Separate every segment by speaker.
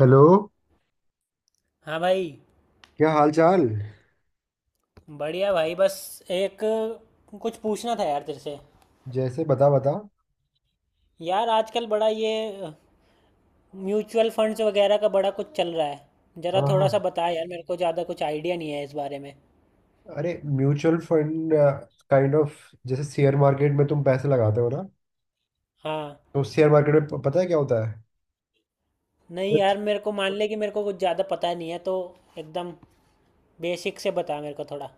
Speaker 1: Hello.
Speaker 2: हाँ भाई।
Speaker 1: क्या हाल चाल।
Speaker 2: बढ़िया भाई, बस एक कुछ पूछना था यार तेरे से।
Speaker 1: जैसे बता बता।
Speaker 2: यार आजकल बड़ा ये म्यूचुअल फंड्स वगैरह का बड़ा कुछ चल रहा है, जरा
Speaker 1: हाँ
Speaker 2: थोड़ा
Speaker 1: हाँ।
Speaker 2: सा बता यार, मेरे को ज़्यादा कुछ आइडिया नहीं है इस बारे में।
Speaker 1: अरे म्यूचुअल फंड काइंड ऑफ जैसे शेयर मार्केट में तुम पैसे लगाते हो ना।
Speaker 2: हाँ।
Speaker 1: तो शेयर मार्केट में पता है क्या होता है।
Speaker 2: नहीं
Speaker 1: Yes.
Speaker 2: यार, मेरे को मान ले कि मेरे को कुछ ज़्यादा पता नहीं है, तो एकदम बेसिक से बता मेरे को थोड़ा।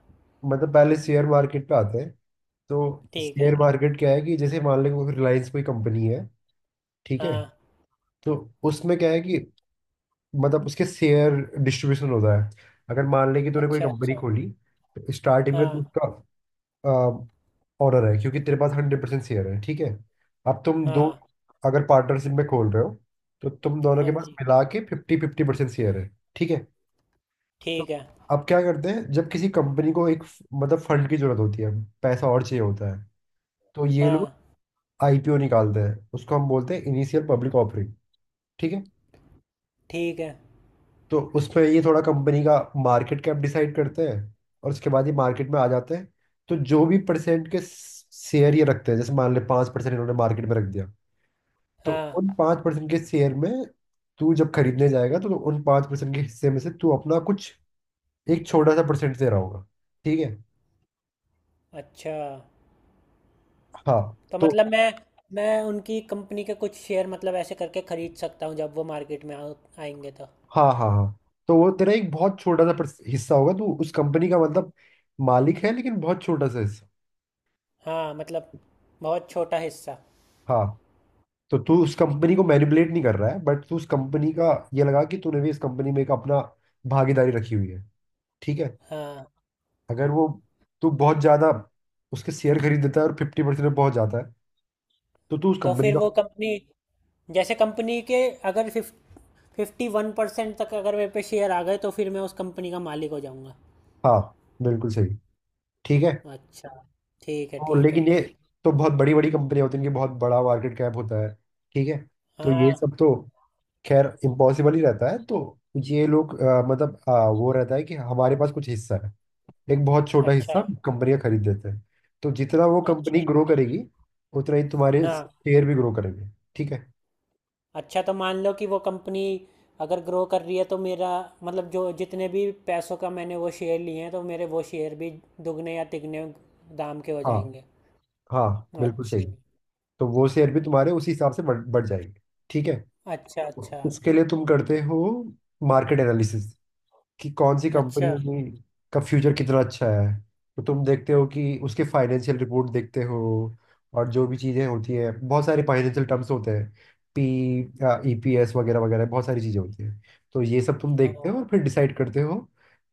Speaker 1: मतलब पहले शेयर मार्केट पे आते हैं। तो
Speaker 2: ठीक है।
Speaker 1: शेयर मार्केट क्या है कि जैसे मान लें कोई रिलायंस कोई कंपनी है। ठीक है।
Speaker 2: हाँ।
Speaker 1: तो उसमें क्या है कि मतलब उसके शेयर डिस्ट्रीब्यूशन होता है। अगर मान लें कि तूने कोई
Speaker 2: अच्छा
Speaker 1: कंपनी
Speaker 2: अच्छा।
Speaker 1: खोली तो स्टार्टिंग में तो
Speaker 2: हाँ।
Speaker 1: उसका ऑनर है क्योंकि तेरे पास 100% शेयर है। ठीक है। अब तुम दो,
Speaker 2: हाँ।
Speaker 1: अगर पार्टनरशिप में खोल रहे हो तो तुम दोनों के
Speaker 2: हाँ
Speaker 1: पास
Speaker 2: जी।
Speaker 1: मिला के 50-50% शेयर है। ठीक है। तो
Speaker 2: ठीक है।
Speaker 1: अब क्या करते हैं, जब किसी कंपनी को एक मतलब फंड की जरूरत होती है, पैसा और चाहिए होता है, तो ये
Speaker 2: हाँ।
Speaker 1: लोग आईपीओ निकालते हैं। उसको हम बोलते हैं इनिशियल पब्लिक ऑफरिंग। ठीक है।
Speaker 2: ठीक है।
Speaker 1: तो उसमें ये थोड़ा कंपनी का मार्केट कैप डिसाइड करते हैं और उसके बाद ये मार्केट में आ जाते हैं। तो जो भी परसेंट के शेयर ये रखते हैं, जैसे मान ले 5% इन्होंने मार्केट में रख दिया, तो उन
Speaker 2: हाँ।
Speaker 1: 5% के शेयर में तू जब खरीदने जाएगा तो उन पाँच परसेंट के हिस्से में से तू अपना कुछ एक छोटा सा परसेंट दे रहा होगा। ठीक है।
Speaker 2: अच्छा,
Speaker 1: हाँ।
Speaker 2: तो
Speaker 1: तो
Speaker 2: मतलब मैं उनकी कंपनी के कुछ शेयर मतलब ऐसे करके खरीद सकता हूँ जब वो मार्केट में आएंगे तो।
Speaker 1: हाँ हाँ हाँ, तो वो तेरा एक बहुत छोटा सा हिस्सा होगा। तू उस कंपनी का मतलब मालिक है लेकिन बहुत छोटा सा हिस्सा।
Speaker 2: हाँ मतलब, बहुत छोटा हिस्सा।
Speaker 1: हाँ, तो तू उस कंपनी को मैनिपुलेट नहीं कर रहा है, बट तू उस कंपनी का ये लगा कि तूने भी इस कंपनी में एक अपना भागीदारी रखी हुई है। ठीक है।
Speaker 2: हाँ।
Speaker 1: अगर वो तू बहुत ज्यादा उसके शेयर खरीद देता है और 50% पहुंच जाता है तो तू उस
Speaker 2: तो
Speaker 1: कंपनी
Speaker 2: फिर
Speaker 1: का।
Speaker 2: वो कंपनी, जैसे कंपनी के, अगर 51% तक अगर मेरे पे शेयर आ गए तो फिर मैं उस कंपनी का मालिक हो जाऊंगा।
Speaker 1: हाँ बिल्कुल सही। ठीक है।
Speaker 2: अच्छा। ठीक है
Speaker 1: तो
Speaker 2: ठीक है।
Speaker 1: लेकिन ये तो बहुत बड़ी बड़ी कंपनियां होती हैं, इनकी बहुत बड़ा मार्केट कैप होता है। ठीक है। तो ये
Speaker 2: हाँ।
Speaker 1: सब तो खैर इम्पॉसिबल ही रहता है। तो ये लोग मतलब वो रहता है कि हमारे पास कुछ हिस्सा है, एक बहुत छोटा
Speaker 2: अच्छा।
Speaker 1: हिस्सा कंपनियां खरीद लेते हैं। तो जितना वो कंपनी
Speaker 2: अच्छा।
Speaker 1: ग्रो
Speaker 2: अच्छा।
Speaker 1: करेगी उतना ही तुम्हारे
Speaker 2: हाँ।
Speaker 1: शेयर भी ग्रो करेंगे। ठीक है।
Speaker 2: अच्छा, तो मान लो कि वो कंपनी अगर ग्रो कर रही है तो मेरा मतलब, जो जितने भी पैसों का मैंने वो शेयर लिए हैं तो मेरे वो शेयर भी दुगने या तिगने दाम के हो
Speaker 1: हाँ
Speaker 2: जाएंगे।
Speaker 1: हाँ बिल्कुल सही।
Speaker 2: अच्छा।
Speaker 1: तो वो शेयर भी तुम्हारे उसी हिसाब से बढ़ बढ़ जाएंगे। ठीक है।
Speaker 2: अच्छा अच्छा।
Speaker 1: उसके लिए तुम करते हो मार्केट एनालिसिस, कि कौन सी कंपनी
Speaker 2: अच्छा।
Speaker 1: की का फ्यूचर कितना अच्छा है। तो तुम देखते हो कि उसके फाइनेंशियल रिपोर्ट देखते हो और जो भी चीज़ें होती है, बहुत सारे फाइनेंशियल टर्म्स होते हैं, PEPS वगैरह वगैरह, बहुत सारी चीज़ें होती हैं। तो ये सब तुम देखते हो और
Speaker 2: हाँ।
Speaker 1: फिर डिसाइड करते हो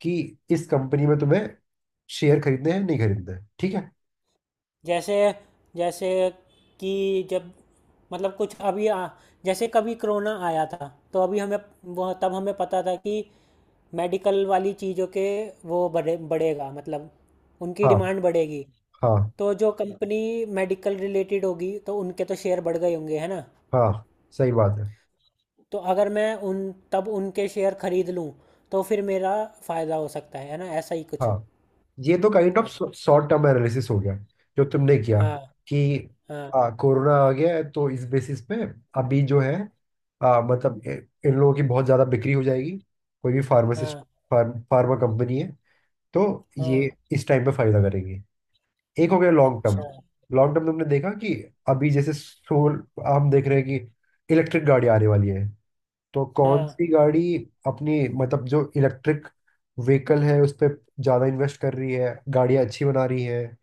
Speaker 1: कि इस कंपनी में तुम्हें शेयर खरीदने हैं नहीं खरीदने हैं। ठीक है।
Speaker 2: जैसे जैसे कि जब मतलब कुछ जैसे कभी कोरोना आया था तो अभी हमें, वो तब हमें पता था कि मेडिकल वाली चीज़ों के वो बढ़ेगा, मतलब उनकी
Speaker 1: हाँ
Speaker 2: डिमांड बढ़ेगी।
Speaker 1: हाँ
Speaker 2: तो जो कंपनी मेडिकल रिलेटेड होगी तो उनके तो शेयर बढ़ गए होंगे है ना।
Speaker 1: हाँ सही बात है।
Speaker 2: तो अगर मैं उन तब उनके शेयर खरीद लूँ तो फिर मेरा फायदा हो सकता है ना, ऐसा ही कुछ।
Speaker 1: हाँ, ये तो काइंड ऑफ
Speaker 2: अच्छा।
Speaker 1: शॉर्ट टर्म एनालिसिस हो गया जो तुमने किया।
Speaker 2: हाँ।
Speaker 1: कि
Speaker 2: हाँ
Speaker 1: कोरोना आ गया है तो इस बेसिस पे अभी जो है मतलब इन लोगों की बहुत ज़्यादा बिक्री हो जाएगी। कोई भी फार्मासिस्ट,
Speaker 2: हाँ।
Speaker 1: फार्मा कंपनी है तो
Speaker 2: हाँ।
Speaker 1: ये इस टाइम पे फायदा करेंगे। एक हो गया लॉन्ग टर्म।
Speaker 2: अच्छा।
Speaker 1: लॉन्ग टर्म तुमने देखा कि अभी जैसे सोल हम देख रहे हैं कि इलेक्ट्रिक गाड़ी आने वाली है। तो कौन
Speaker 2: हाँ।
Speaker 1: सी गाड़ी अपनी मतलब जो इलेक्ट्रिक व्हीकल है उस पर ज़्यादा इन्वेस्ट कर रही है, गाड़ियाँ अच्छी बना रही है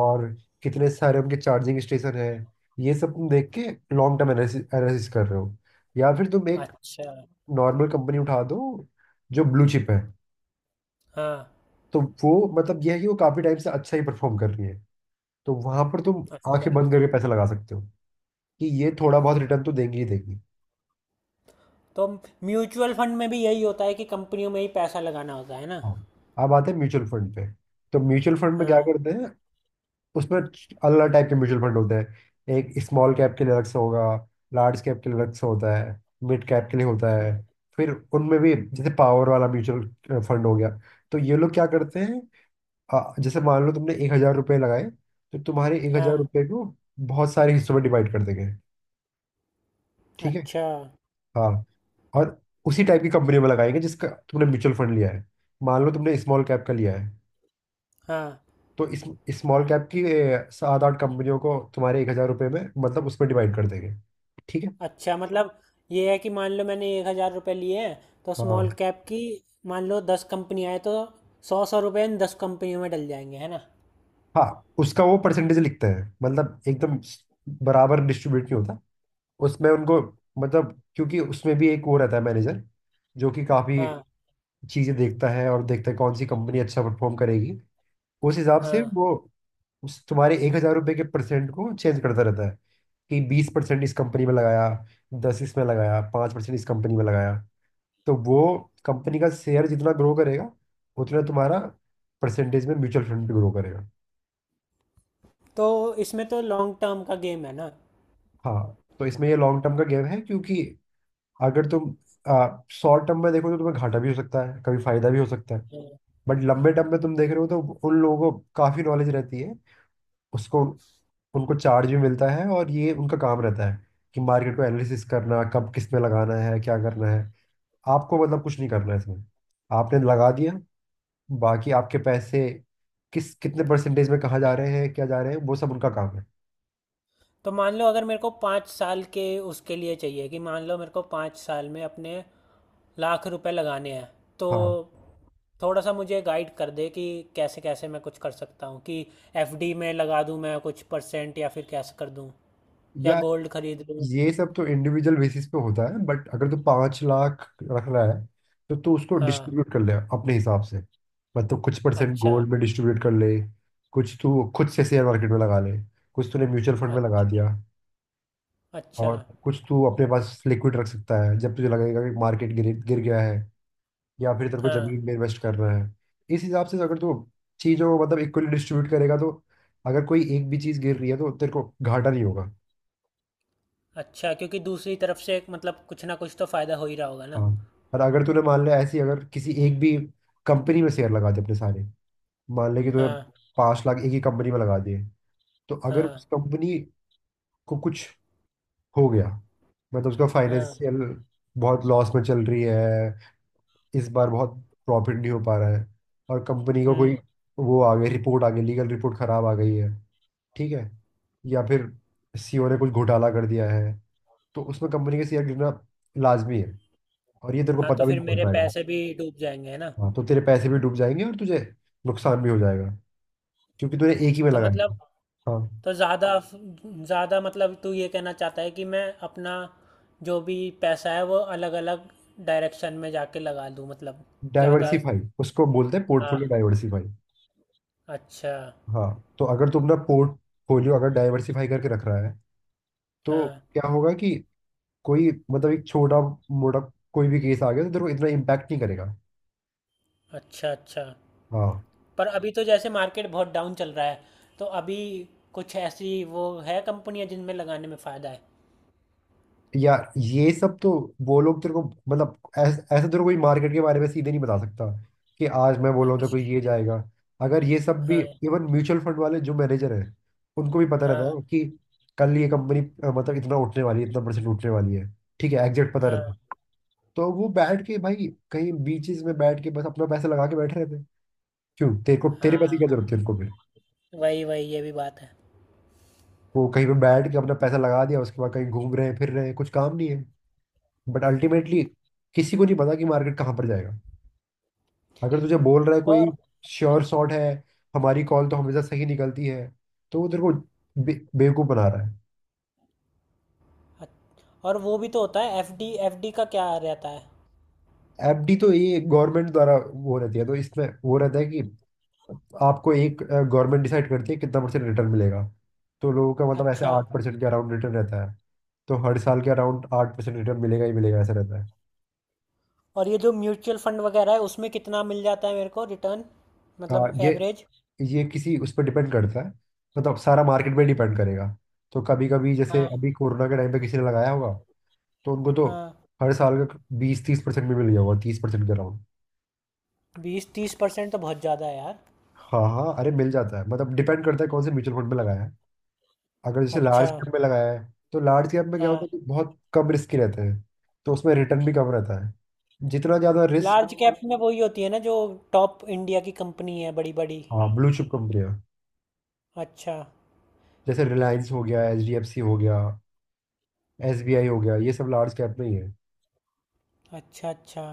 Speaker 1: और कितने सारे उनके चार्जिंग स्टेशन है। ये सब तुम देख के लॉन्ग टर्म एनालिसिस एनालिसिस कर रहे हो। या फिर तुम एक
Speaker 2: अच्छा।
Speaker 1: नॉर्मल कंपनी उठा दो जो ब्लू चिप है,
Speaker 2: हाँ।
Speaker 1: तो वो मतलब यह है कि वो काफ़ी टाइम से अच्छा ही परफॉर्म कर रही है। तो वहां पर तुम
Speaker 2: अच्छा,
Speaker 1: आंखें बंद करके पैसा लगा सकते हो कि ये थोड़ा बहुत रिटर्न तो देंगी ही देंगी।
Speaker 2: तो म्यूचुअल फंड में भी यही होता है कि कंपनियों में ही पैसा लगाना होता है ना।
Speaker 1: हाँ, अब आते हैं म्यूचुअल फंड पे। तो म्यूचुअल फंड में क्या
Speaker 2: हाँ।
Speaker 1: करते हैं, उसमें अलग टाइप के म्यूचुअल फंड होते हैं। एक स्मॉल कैप के लिए अलग से होगा, लार्ज कैप के लिए अलग से होता है, मिड कैप के लिए होता
Speaker 2: हम्म,
Speaker 1: है। फिर उनमें भी जैसे पावर वाला म्यूचुअल फंड हो गया। तो ये लोग क्या करते हैं, जैसे मान लो तुमने 1,000 रुपये लगाए, तो तुम्हारे एक
Speaker 2: हाँ।
Speaker 1: हजार रुपये को बहुत सारे हिस्सों में डिवाइड कर देंगे। ठीक है।
Speaker 2: अच्छा।
Speaker 1: हाँ। और उसी टाइप की कंपनी में लगाएंगे जिसका तुमने म्यूचुअल फंड लिया है। मान लो तुमने स्मॉल कैप का लिया है,
Speaker 2: हाँ।
Speaker 1: तो इस स्मॉल कैप की 7-8 कंपनियों को तुम्हारे 1,000 रुपये में मतलब उसमें डिवाइड कर देंगे। ठीक है।
Speaker 2: अच्छा मतलब, ये है कि मान लो मैंने 1,000 रुपये लिए हैं तो स्मॉल
Speaker 1: हाँ
Speaker 2: कैप की मान लो 10 कंपनी आए तो 100-100 रुपये इन 10 कंपनियों में डल जाएंगे है ना।
Speaker 1: हाँ, उसका वो परसेंटेज लिखते हैं, मतलब एकदम बराबर डिस्ट्रीब्यूट नहीं होता उसमें उनको। मतलब क्योंकि उसमें भी एक वो रहता है, मैनेजर, जो कि काफ़ी
Speaker 2: हाँ।
Speaker 1: चीज़ें देखता है और देखता है कौन सी कंपनी अच्छा परफॉर्म करेगी। उस हिसाब से
Speaker 2: हाँ।
Speaker 1: वो उस तुम्हारे 1,000 रुपये के परसेंट को चेंज करता रहता है। कि 20% इस कंपनी में लगाया, दस इसमें लगाया, 5% इस कंपनी में लगाया। तो वो कंपनी का शेयर जितना ग्रो करेगा उतना तुम्हारा परसेंटेज में म्यूचुअल फंड भी ग्रो करेगा।
Speaker 2: तो इसमें तो लॉन्ग टर्म का गेम है ना।
Speaker 1: हाँ, तो इसमें ये लॉन्ग टर्म का गेम है क्योंकि अगर तुम शॉर्ट टर्म में देखो तो तुम्हें घाटा भी हो सकता है कभी फायदा भी हो सकता है। बट लंबे टर्म में तुम देख रहे हो तो उन लोगों को काफ़ी नॉलेज रहती है उसको, उनको चार्ज भी मिलता है और ये उनका काम रहता है कि मार्केट को एनालिसिस करना, कब किस में लगाना है क्या करना है। आपको मतलब कुछ नहीं करना है इसमें, आपने लगा दिया, बाकी आपके पैसे किस कितने परसेंटेज में कहाँ जा रहे हैं क्या जा रहे हैं वो सब उनका काम है।
Speaker 2: तो मान लो अगर मेरे को 5 साल के उसके लिए चाहिए कि मान लो मेरे को 5 साल में अपने लाख रुपए लगाने हैं, तो
Speaker 1: हाँ।
Speaker 2: थोड़ा सा मुझे गाइड कर दे कि कैसे कैसे मैं कुछ कर सकता हूँ, कि एफडी में लगा दूँ मैं कुछ परसेंट या फिर कैसे कर दूँ या
Speaker 1: या
Speaker 2: गोल्ड खरीद लूँ।
Speaker 1: ये सब तो इंडिविजुअल बेसिस पे होता है, बट अगर तू 5 लाख रख रहा है तो तू उसको
Speaker 2: हाँ।
Speaker 1: डिस्ट्रीब्यूट कर ले अपने हिसाब से। मतलब कुछ परसेंट
Speaker 2: अच्छा
Speaker 1: गोल्ड में डिस्ट्रीब्यूट कर ले, कुछ तू खुद से शेयर मार्केट में लगा ले, कुछ तूने म्यूचुअल फंड में लगा
Speaker 2: अच्छा।
Speaker 1: दिया,
Speaker 2: अच्छा।
Speaker 1: और कुछ तू अपने पास लिक्विड रख सकता है जब तुझे लगेगा कि मार्केट गिर गिर गया है या फिर तेरे को
Speaker 2: हाँ।
Speaker 1: जमीन में इन्वेस्ट करना है। इस हिसाब से अगर तू चीजों को मतलब इक्वली डिस्ट्रीब्यूट करेगा तो अगर कोई एक भी चीज गिर रही है तो तेरे को घाटा नहीं होगा।
Speaker 2: अच्छा, क्योंकि दूसरी तरफ से एक मतलब कुछ ना कुछ तो फायदा हो ही रहा होगा ना।
Speaker 1: हाँ, पर अगर तूने मान लिया ऐसी, अगर किसी एक भी कंपनी में शेयर लगा दिए अपने सारे, मान ले कि तूने
Speaker 2: हाँ।
Speaker 1: 5 लाख एक ही कंपनी में लगा दिए, तो अगर
Speaker 2: हाँ।
Speaker 1: उस कंपनी को कुछ हो गया, मतलब उसका
Speaker 2: हाँ।
Speaker 1: फाइनेंशियल बहुत लॉस में चल रही है, इस बार बहुत प्रॉफिट नहीं हो पा रहा है, और कंपनी को
Speaker 2: हम्म।
Speaker 1: कोई वो आ गई रिपोर्ट, आ गई लीगल रिपोर्ट खराब आ गई है, ठीक है, या फिर सीईओ ने कुछ घोटाला कर दिया है, तो उसमें कंपनी के शेयर गिरना लाजमी है और ये तेरे को
Speaker 2: हाँ, तो
Speaker 1: पता भी
Speaker 2: फिर
Speaker 1: नहीं
Speaker 2: मेरे
Speaker 1: चलता है।
Speaker 2: पैसे भी डूब जाएंगे है ना।
Speaker 1: हाँ तो तेरे पैसे भी डूब जाएंगे और तुझे नुकसान भी हो जाएगा क्योंकि तूने एक ही में
Speaker 2: तो
Speaker 1: लगाया है।
Speaker 2: मतलब,
Speaker 1: हाँ,
Speaker 2: तो ज़्यादा ज़्यादा मतलब, तू ये कहना चाहता है कि मैं अपना जो भी पैसा है वो अलग अलग डायरेक्शन में जाके लगा दूँ मतलब, ज़्यादा।
Speaker 1: डाइवर्सिफाई उसको बोलते हैं, पोर्टफोलियो
Speaker 2: हाँ।
Speaker 1: डाइवर्सिफाई।
Speaker 2: अच्छा।
Speaker 1: हाँ, तो अगर तुम ना पोर्टफोलियो अगर डाइवर्सिफाई करके रख रहा है तो
Speaker 2: हाँ।
Speaker 1: क्या होगा कि कोई मतलब एक छोटा मोटा कोई भी केस आ गया तो तेरे को इतना इम्पैक्ट नहीं करेगा।
Speaker 2: अच्छा अच्छा।
Speaker 1: हाँ।
Speaker 2: पर अभी तो जैसे मार्केट बहुत डाउन चल रहा है, तो अभी कुछ ऐसी वो है कंपनियां जिनमें लगाने में फ़ायदा है।
Speaker 1: यार ये सब तो वो लोग तेरे को मतलब ऐसा ऐसा तेरे को कोई मार्केट के बारे में सीधे नहीं बता सकता कि आज मैं बोल रहा हूँ तो कोई
Speaker 2: अच्छा।
Speaker 1: ये जाएगा। अगर ये सब भी
Speaker 2: हाँ।
Speaker 1: इवन म्यूचुअल फंड वाले जो मैनेजर हैं उनको भी पता रहता
Speaker 2: हाँ
Speaker 1: है कि कल ये कंपनी मतलब इतना उठने वाली है, इतना परसेंट उठने वाली है, ठीक है, एग्जैक्ट पता
Speaker 2: हाँ।
Speaker 1: रहता है, तो वो बैठ के भाई कहीं बीचेस में बैठ के बस अपना पैसा लगा के बैठे रहते। हैं क्यों तेरे को तेरे पैसे की क्या
Speaker 2: हाँ
Speaker 1: जरूरत है उनको फिर।
Speaker 2: वही वही, ये भी बात है।
Speaker 1: वो कहीं पे बैठ के अपना पैसा लगा दिया उसके बाद कहीं घूम रहे हैं फिर रहे हैं, कुछ काम नहीं है। बट अल्टीमेटली किसी को नहीं पता कि मार्केट कहाँ पर जाएगा। अगर तुझे बोल रहा है कोई
Speaker 2: और
Speaker 1: श्योर शॉट है, हमारी कॉल तो हमेशा सही निकलती है, तो वो तेरे को बेवकूफ बना रहा है।
Speaker 2: और वो भी तो होता है, एफडी, एफडी का क्या रहता है?
Speaker 1: एफडी तो ये गवर्नमेंट द्वारा वो रहती है तो इसमें वो रहता है कि आपको एक गवर्नमेंट डिसाइड करती है कितना परसेंट रिटर्न मिलेगा। तो लोगों का मतलब ऐसे
Speaker 2: अच्छा।
Speaker 1: 8% के अराउंड रिटर्न रहता है। तो हर साल के अराउंड 8% रिटर्न मिलेगा ही मिलेगा ऐसा रहता है।
Speaker 2: और ये जो म्यूचुअल फंड वगैरह है उसमें कितना मिल जाता है मेरे को रिटर्न,
Speaker 1: हाँ,
Speaker 2: मतलब एवरेज?
Speaker 1: ये किसी उस पर डिपेंड करता है, मतलब सारा मार्केट पे डिपेंड करेगा। तो कभी कभी जैसे
Speaker 2: हाँ।
Speaker 1: अभी कोरोना के टाइम पे किसी ने लगाया होगा तो उनको तो
Speaker 2: हाँ।
Speaker 1: हर साल का 20-30% भी मिल गया होगा, 30% के अराउंड।
Speaker 2: 20-30% तो बहुत ज़्यादा है यार।
Speaker 1: हाँ हाँ, अरे मिल जाता है, मतलब डिपेंड करता है कौन से म्यूचुअल फंड में लगाया है। अगर जैसे
Speaker 2: अच्छा।
Speaker 1: लार्ज कैप में लगाया है तो लार्ज कैप में क्या होता
Speaker 2: हाँ।
Speaker 1: है कि बहुत कम रिस्क रहते हैं, तो उसमें रिटर्न भी कम रहता है। जितना ज़्यादा रिस्क।
Speaker 2: लार्ज कैप में वही होती है ना जो टॉप इंडिया की कंपनी है, बड़ी बड़ी।
Speaker 1: हाँ ब्लू चिप कंपनियाँ,
Speaker 2: अच्छा
Speaker 1: जैसे रिलायंस हो गया, HDFC हो गया, SBI हो गया, ये सब लार्ज कैप में ही है।
Speaker 2: अच्छा। अच्छा,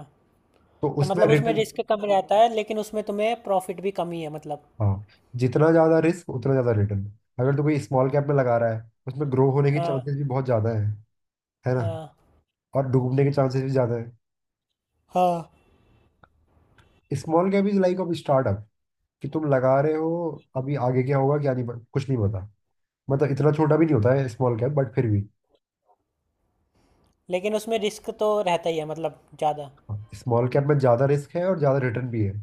Speaker 1: तो
Speaker 2: तो
Speaker 1: उसमें
Speaker 2: मतलब उसमें
Speaker 1: रिटर्न।
Speaker 2: रिस्क कम रहता है लेकिन उसमें तुम्हें प्रॉफिट भी कम ही है मतलब।
Speaker 1: हाँ, जितना ज्यादा रिस्क उतना ज्यादा रिटर्न। अगर तो कोई स्मॉल कैप में लगा रहा है उसमें ग्रो होने के
Speaker 2: हाँ।
Speaker 1: चांसेस भी बहुत ज्यादा है ना,
Speaker 2: हाँ।
Speaker 1: और डूबने के चांसेस भी ज्यादा है।
Speaker 2: हाँ।
Speaker 1: Small cap is like of startup, कि तुम लगा रहे हो, अभी आगे क्या होगा क्या नहीं कुछ नहीं पता। मतलब इतना छोटा भी नहीं होता है स्मॉल कैप, बट फिर भी
Speaker 2: लेकिन उसमें रिस्क तो रहता ही है मतलब, ज़्यादा।
Speaker 1: स्मॉल कैप में ज्यादा रिस्क है और ज्यादा रिटर्न भी है।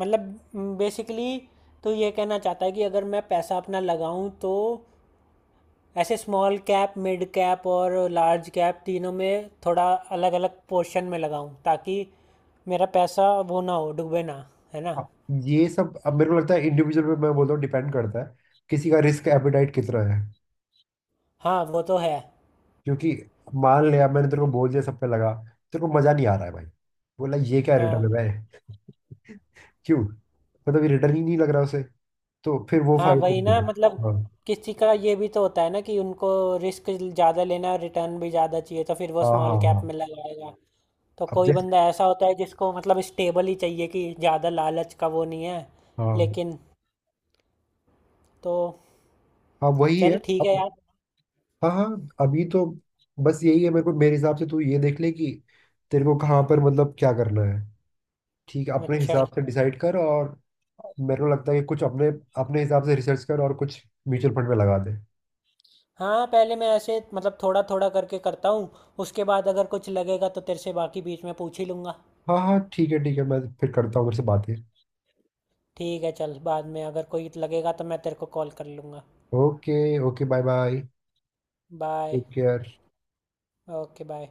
Speaker 2: मतलब बेसिकली तो ये कहना चाहता है कि अगर मैं पैसा अपना लगाऊं तो ऐसे स्मॉल कैप, मिड कैप और लार्ज कैप तीनों में थोड़ा अलग अलग पोर्शन में लगाऊं, ताकि मेरा पैसा वो ना हो, डूबे ना, है ना।
Speaker 1: अब ये सब अब मेरे को लगता है इंडिविजुअल पे मैं बोलता हूँ, डिपेंड करता है किसी का रिस्क एपेटाइट कितना है।
Speaker 2: हाँ वो तो है।
Speaker 1: क्योंकि मान लिया मैंने तेरे को बोल दिया सब पे लगा, तेरे को मजा नहीं आ रहा है भाई, बोला ये क्या
Speaker 2: हाँ।
Speaker 1: रिटर्न है भाई। क्यों, मतलब ये रिटर्न ही नहीं लग रहा उसे, तो फिर वो
Speaker 2: हाँ
Speaker 1: फायदे
Speaker 2: वही
Speaker 1: नहीं
Speaker 2: ना,
Speaker 1: है।
Speaker 2: मतलब
Speaker 1: हाँ
Speaker 2: किसी का ये भी तो होता है ना कि उनको रिस्क ज़्यादा लेना रिटर्न भी ज़्यादा चाहिए तो फिर वो
Speaker 1: हाँ
Speaker 2: स्मॉल
Speaker 1: हाँ
Speaker 2: कैप
Speaker 1: हाँ।
Speaker 2: में लगाएगा। तो
Speaker 1: अब
Speaker 2: कोई
Speaker 1: जैसे,
Speaker 2: बंदा ऐसा होता है जिसको मतलब स्टेबल ही चाहिए, कि ज़्यादा लालच का वो नहीं है।
Speaker 1: हाँ
Speaker 2: लेकिन, तो
Speaker 1: हाँ वही है।
Speaker 2: चल ठीक है
Speaker 1: अब,
Speaker 2: यार।
Speaker 1: हाँ हाँ अभी तो बस यही है। मेरे को मेरे हिसाब से तू ये देख ले कि तेरे को कहाँ पर मतलब क्या करना है। ठीक है, अपने
Speaker 2: अच्छा।
Speaker 1: हिसाब से डिसाइड कर। और मेरे को लगता है कि कुछ अपने अपने हिसाब से रिसर्च कर और कुछ म्यूचुअल फंड में लगा दे।
Speaker 2: हाँ, पहले मैं ऐसे मतलब थोड़ा थोड़ा करके करता हूँ, उसके बाद अगर कुछ लगेगा तो तेरे से बाकी बीच में पूछ ही लूँगा।
Speaker 1: हाँ हाँ ठीक है ठीक है, मैं फिर करता हूँ मेरे से बातें।
Speaker 2: ठीक है, चल, बाद में अगर कोई लगेगा तो मैं तेरे को कॉल कर लूँगा।
Speaker 1: Okay. Okay bye bye.
Speaker 2: Bye.
Speaker 1: Take care.
Speaker 2: Okay bye.